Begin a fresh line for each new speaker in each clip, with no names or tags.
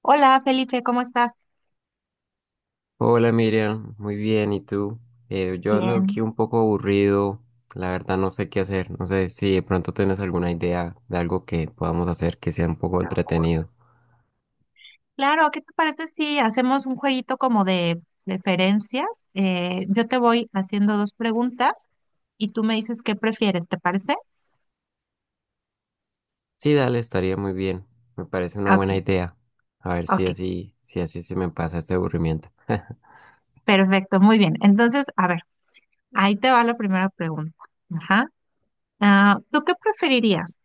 Hola Felipe, ¿cómo estás?
Hola Miriam, muy bien, ¿y tú? Yo ando
Bien.
aquí un poco aburrido, la verdad no sé qué hacer, no sé si de pronto tienes alguna idea de algo que podamos hacer que sea un poco entretenido.
Claro, ¿qué te parece si hacemos un jueguito como de preferencias? Yo te voy haciendo dos preguntas y tú me dices qué prefieres, ¿te parece?
Sí, dale, estaría muy bien, me parece una buena
Ok,
idea, a ver si
ok,
así, si así se me pasa este aburrimiento.
perfecto, muy bien. Entonces, a ver, ahí te va la primera pregunta. Ajá. ¿Tú qué preferirías?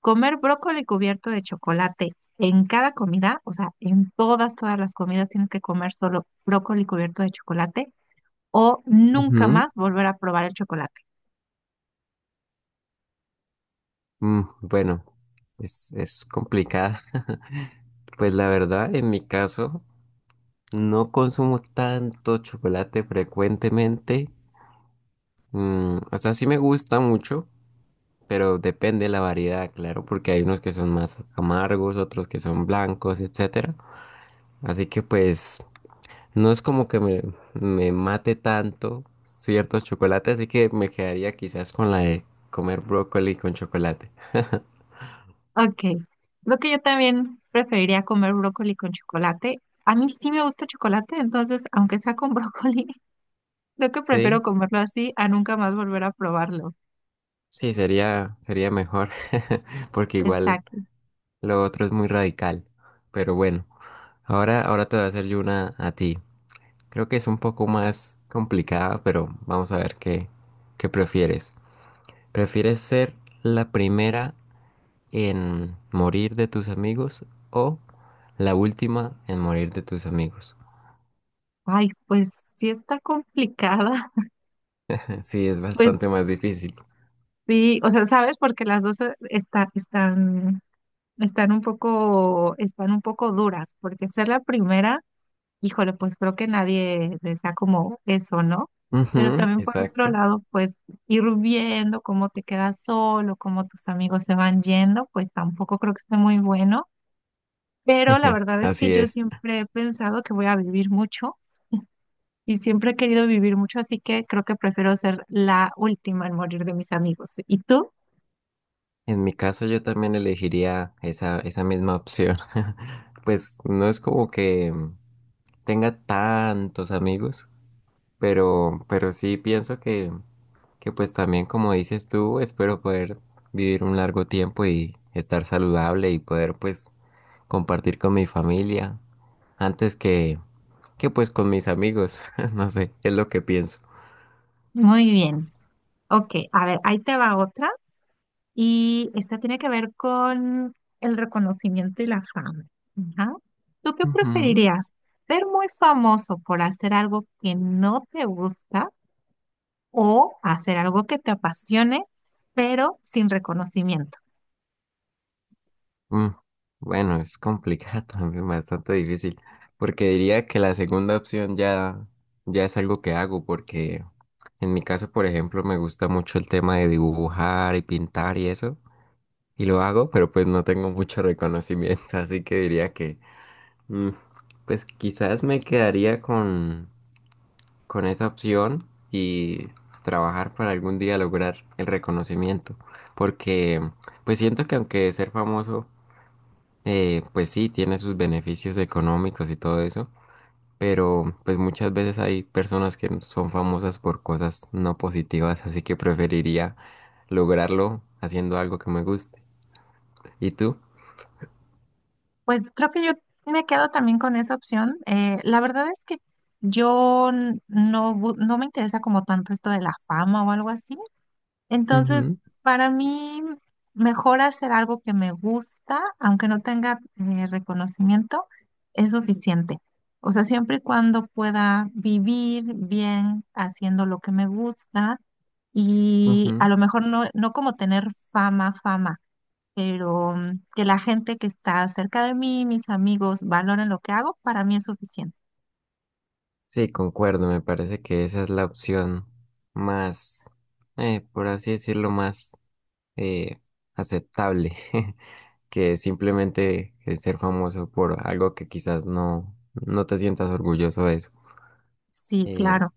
¿Comer brócoli cubierto de chocolate en cada comida? O sea, en todas, todas las comidas tienes que comer solo brócoli cubierto de chocolate, o nunca
Ujú.
más volver a probar el chocolate.
Bueno, es complicada. Pues la verdad, en mi caso, no consumo tanto chocolate frecuentemente. O sea, sí me gusta mucho, pero depende de la variedad, claro, porque hay unos que son más amargos, otros que son blancos, etcétera. Así que pues no es como que me mate tanto ciertos chocolates, así que me quedaría quizás con la de comer brócoli con chocolate.
Ok, lo que yo también preferiría comer brócoli con chocolate. A mí sí me gusta el chocolate, entonces, aunque sea con brócoli, creo que
Sí,
prefiero comerlo así a nunca más volver a probarlo.
sí, sería mejor, porque igual
Exacto.
lo otro es muy radical. Pero bueno, ahora te voy a hacer yo una a ti. Creo que es un poco más complicada, pero vamos a ver qué prefieres. ¿Prefieres ser la primera en morir de tus amigos o la última en morir de tus amigos?
Ay, pues sí está complicada.
Sí, es
Pues
bastante más difícil.
sí, o sea, ¿sabes? Porque las dos están, están un poco duras, porque ser la primera. Híjole, pues creo que nadie desea como eso, ¿no? Pero
Ujú,
también por otro
exacto.
lado, pues ir viendo cómo te quedas solo, cómo tus amigos se van yendo, pues tampoco creo que esté muy bueno. Pero la verdad es que
Así
yo
es.
siempre he pensado que voy a vivir mucho y siempre he querido vivir mucho, así que creo que prefiero ser la última en morir de mis amigos. ¿Y tú?
En mi caso yo también elegiría esa misma opción. Pues no es como que tenga tantos amigos, pero sí pienso que pues también como dices tú, espero poder vivir un largo tiempo y estar saludable y poder pues compartir con mi familia antes que pues con mis amigos. No sé, es lo que pienso.
Muy bien. Ok, a ver, ahí te va otra. Y esta tiene que ver con el reconocimiento y la fama. Ajá. ¿Tú qué
Ujú.
preferirías? ¿Ser muy famoso por hacer algo que no te gusta, o hacer algo que te apasione, pero sin reconocimiento?
Mm, Bueno, es complicado también, bastante difícil, porque diría que la segunda opción ya es algo que hago, porque en mi caso, por ejemplo, me gusta mucho el tema de dibujar y pintar y eso, y lo hago, pero pues no tengo mucho reconocimiento, así que diría que, mm, pues quizás me quedaría con esa opción y trabajar para algún día lograr el reconocimiento. Porque pues siento que aunque ser famoso, pues sí, tiene sus beneficios económicos y todo eso, pero pues muchas veces hay personas que son famosas por cosas no positivas, así que preferiría lograrlo haciendo algo que me guste. ¿Y tú?
Pues creo que yo me quedo también con esa opción. La verdad es que yo no, no me interesa como tanto esto de la fama o algo así. Entonces,
Ujú,
para mí, mejor hacer algo que me gusta, aunque no tenga reconocimiento, es suficiente. O sea, siempre y cuando pueda vivir bien haciendo lo que me gusta y
ujú.
a lo mejor no, no como tener fama, fama, pero mm, que la gente que está cerca de mí, mis amigos, valoren lo que hago, para mí es suficiente.
Sí, concuerdo, me parece que esa es la opción más, por así decirlo, más eh, aceptable que simplemente ser famoso por algo que quizás no te sientas orgulloso de eso.
Sí,
Eh,
claro.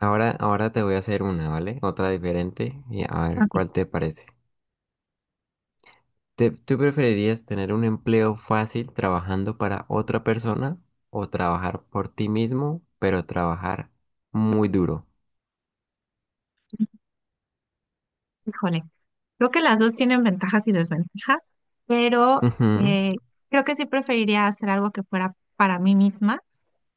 ahora te voy a hacer una, ¿vale? Otra diferente y a ver
Ok.
cuál te parece. ¿Tú preferirías tener un empleo fácil trabajando para otra persona o trabajar por ti mismo, pero trabajar muy duro?
Híjole, creo que las dos tienen ventajas y desventajas, pero eh, creo que sí preferiría hacer algo que fuera para mí misma,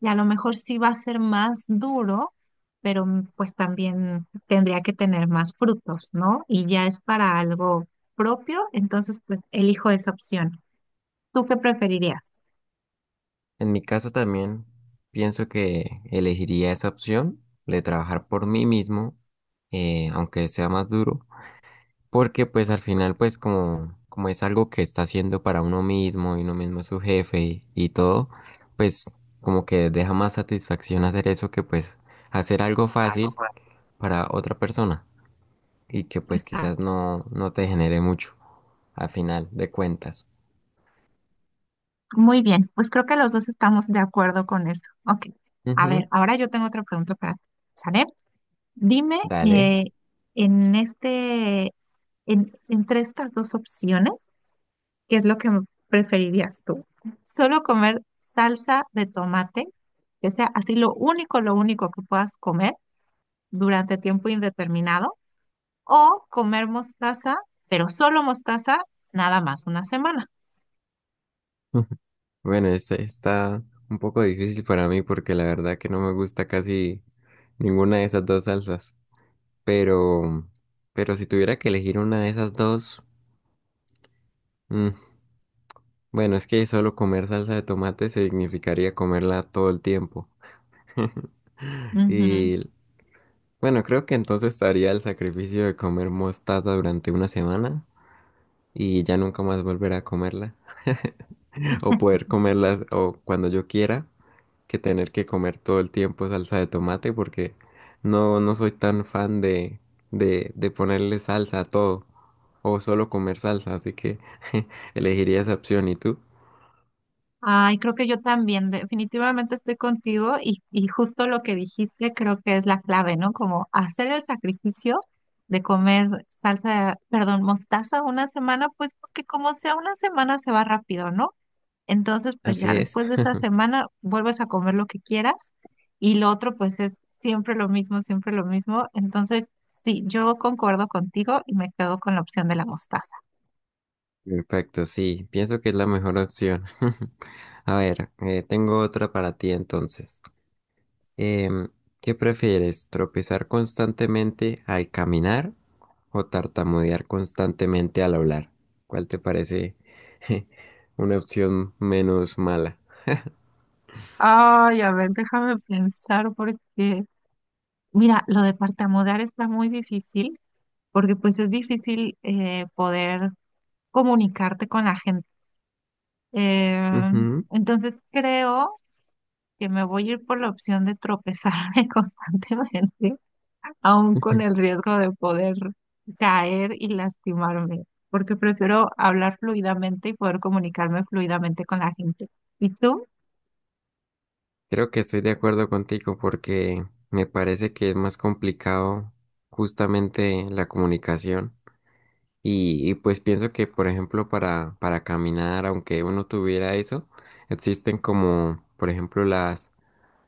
y a lo mejor sí va a ser más duro, pero mm, pues también tendría que tener más frutos, ¿no? Y ya es para algo propio, entonces pues elijo esa opción. ¿Tú qué preferirías?
En mi caso también pienso que elegiría esa opción de trabajar por mí mismo, aunque sea más duro, porque pues al final pues como es algo que está haciendo para uno mismo y uno mismo es su jefe y todo, pues como que deja más satisfacción hacer eso que pues hacer algo fácil para otra persona y que pues quizás
Exacto.
no te genere mucho al final de cuentas.
Muy bien, pues creo que los dos estamos de acuerdo con eso. Ok, a
Ujú,
ver, ahora yo tengo otra pregunta para ti. ¿Sale? Dime,
dale.
eh, en entre estas dos opciones, ¿qué es lo que preferirías tú? ¿Solo comer salsa de tomate, que sea así lo único que puedas comer durante tiempo indeterminado? ¿O comer mostaza, pero solo mostaza, nada más una semana?
Bueno, este está un poco difícil para mí porque la verdad que no me gusta casi ninguna de esas dos salsas. Pero, pero si tuviera que elegir una de esas dos, mm, bueno, es que solo comer salsa de tomate significaría comerla todo el tiempo. Y bueno, creo que entonces estaría el sacrificio de comer mostaza durante una semana y ya nunca más volver a comerla o poder comerla o cuando yo quiera. Que tener que comer todo el tiempo salsa de tomate porque no soy tan fan de ponerle salsa a todo o solo comer salsa, así que elegiría esa opción. ¿Y tú?
Ay, creo que yo también, definitivamente estoy contigo y justo lo que dijiste creo que es la clave, ¿no? Como hacer el sacrificio de comer salsa, perdón, mostaza una semana, pues porque como sea una semana se va rápido, ¿no? Entonces, pues ya
Así es.
después de esa semana vuelves a comer lo que quieras, y lo otro pues es siempre lo mismo, siempre lo mismo. Entonces, sí, yo concuerdo contigo y me quedo con la opción de la mostaza.
Perfecto, sí, pienso que es la mejor opción. A ver, tengo otra para ti entonces. Em, ¿Qué prefieres? ¿Tropezar constantemente al caminar o tartamudear constantemente al hablar? ¿Cuál te parece una opción menos mala?
Ay, a ver, déjame pensar porque mira, lo de tartamudear está muy difícil porque pues es difícil poder comunicarte con la gente. Eh,
Ujú.
entonces creo que me voy a ir por la opción de tropezarme constantemente, aún con el riesgo de poder caer y lastimarme, porque prefiero hablar fluidamente y poder comunicarme fluidamente con la gente. ¿Y tú?
Creo que estoy de acuerdo contigo porque me parece que es más complicado justamente la comunicación. Y pues pienso que, por ejemplo, para caminar, aunque uno tuviera eso, existen como, por ejemplo,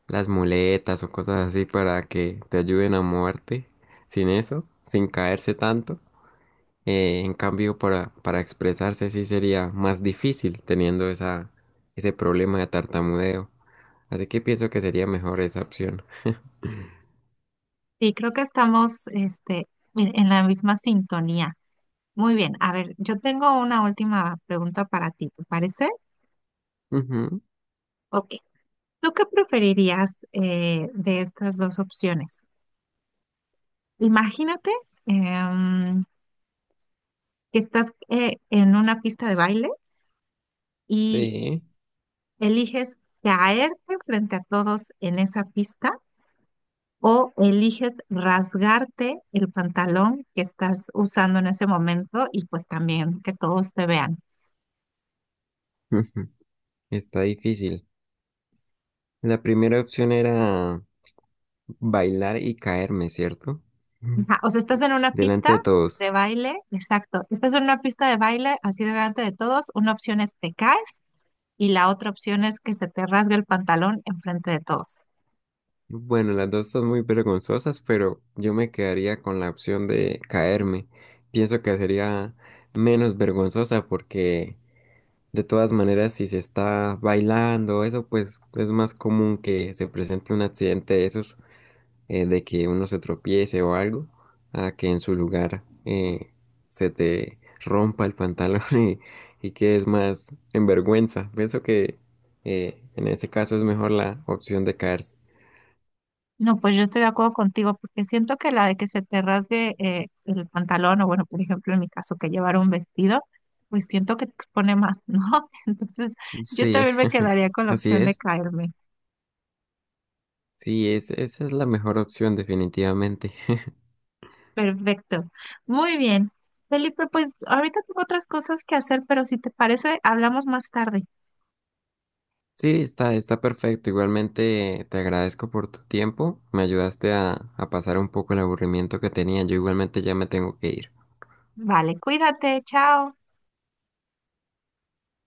las muletas o cosas así para que te ayuden a moverte sin eso, sin caerse tanto. En cambio, para expresarse sí sería más difícil teniendo ese problema de tartamudeo. Así que pienso que sería mejor esa opción.
Sí, creo que estamos este, en la misma sintonía. Muy bien, a ver, yo tengo una última pregunta para ti, ¿te parece?
Ujú,
Ok, ¿tú qué preferirías de estas dos opciones? Imagínate em, que estás en una pista de baile y
sí,
eliges caerte frente a todos en esa pista, o eliges rasgarte el pantalón que estás usando en ese momento y pues también que todos te vean.
ujú, está difícil. La primera opción era bailar y caerme, ¿cierto? Ujú.
Ajá. O sea, estás en una
Delante
pista
de todos.
de baile, exacto. Estás en una pista de baile así delante de todos. Una opción es te caes, y la otra opción es que se te rasgue el pantalón enfrente de todos.
Bueno, las dos son muy vergonzosas, pero yo me quedaría con la opción de caerme. Pienso que sería menos vergonzosa porque de todas maneras si se está bailando, eso pues es más común que se presente un accidente de esos, de que uno se tropiece o algo, a que en su lugar se te rompa el pantalón y quedes más en vergüenza. Pienso que en ese caso es mejor la opción de caerse.
No, pues yo estoy de acuerdo contigo porque siento que la de que se te rasgue el pantalón o bueno, por ejemplo, en mi caso que llevar un vestido, pues siento que te expone más, ¿no? Entonces, yo
Sí,
también me quedaría con la
así
opción de
es.
caerme.
Sí, esa es la mejor opción definitivamente.
Perfecto. Muy bien. Felipe, pues ahorita tengo otras cosas que hacer, pero si te parece, hablamos más tarde.
Sí, está perfecto. Igualmente te agradezco por tu tiempo. Me ayudaste a pasar un poco el aburrimiento que tenía. Yo igualmente ya me tengo que ir.
Vale, cuídate, chao.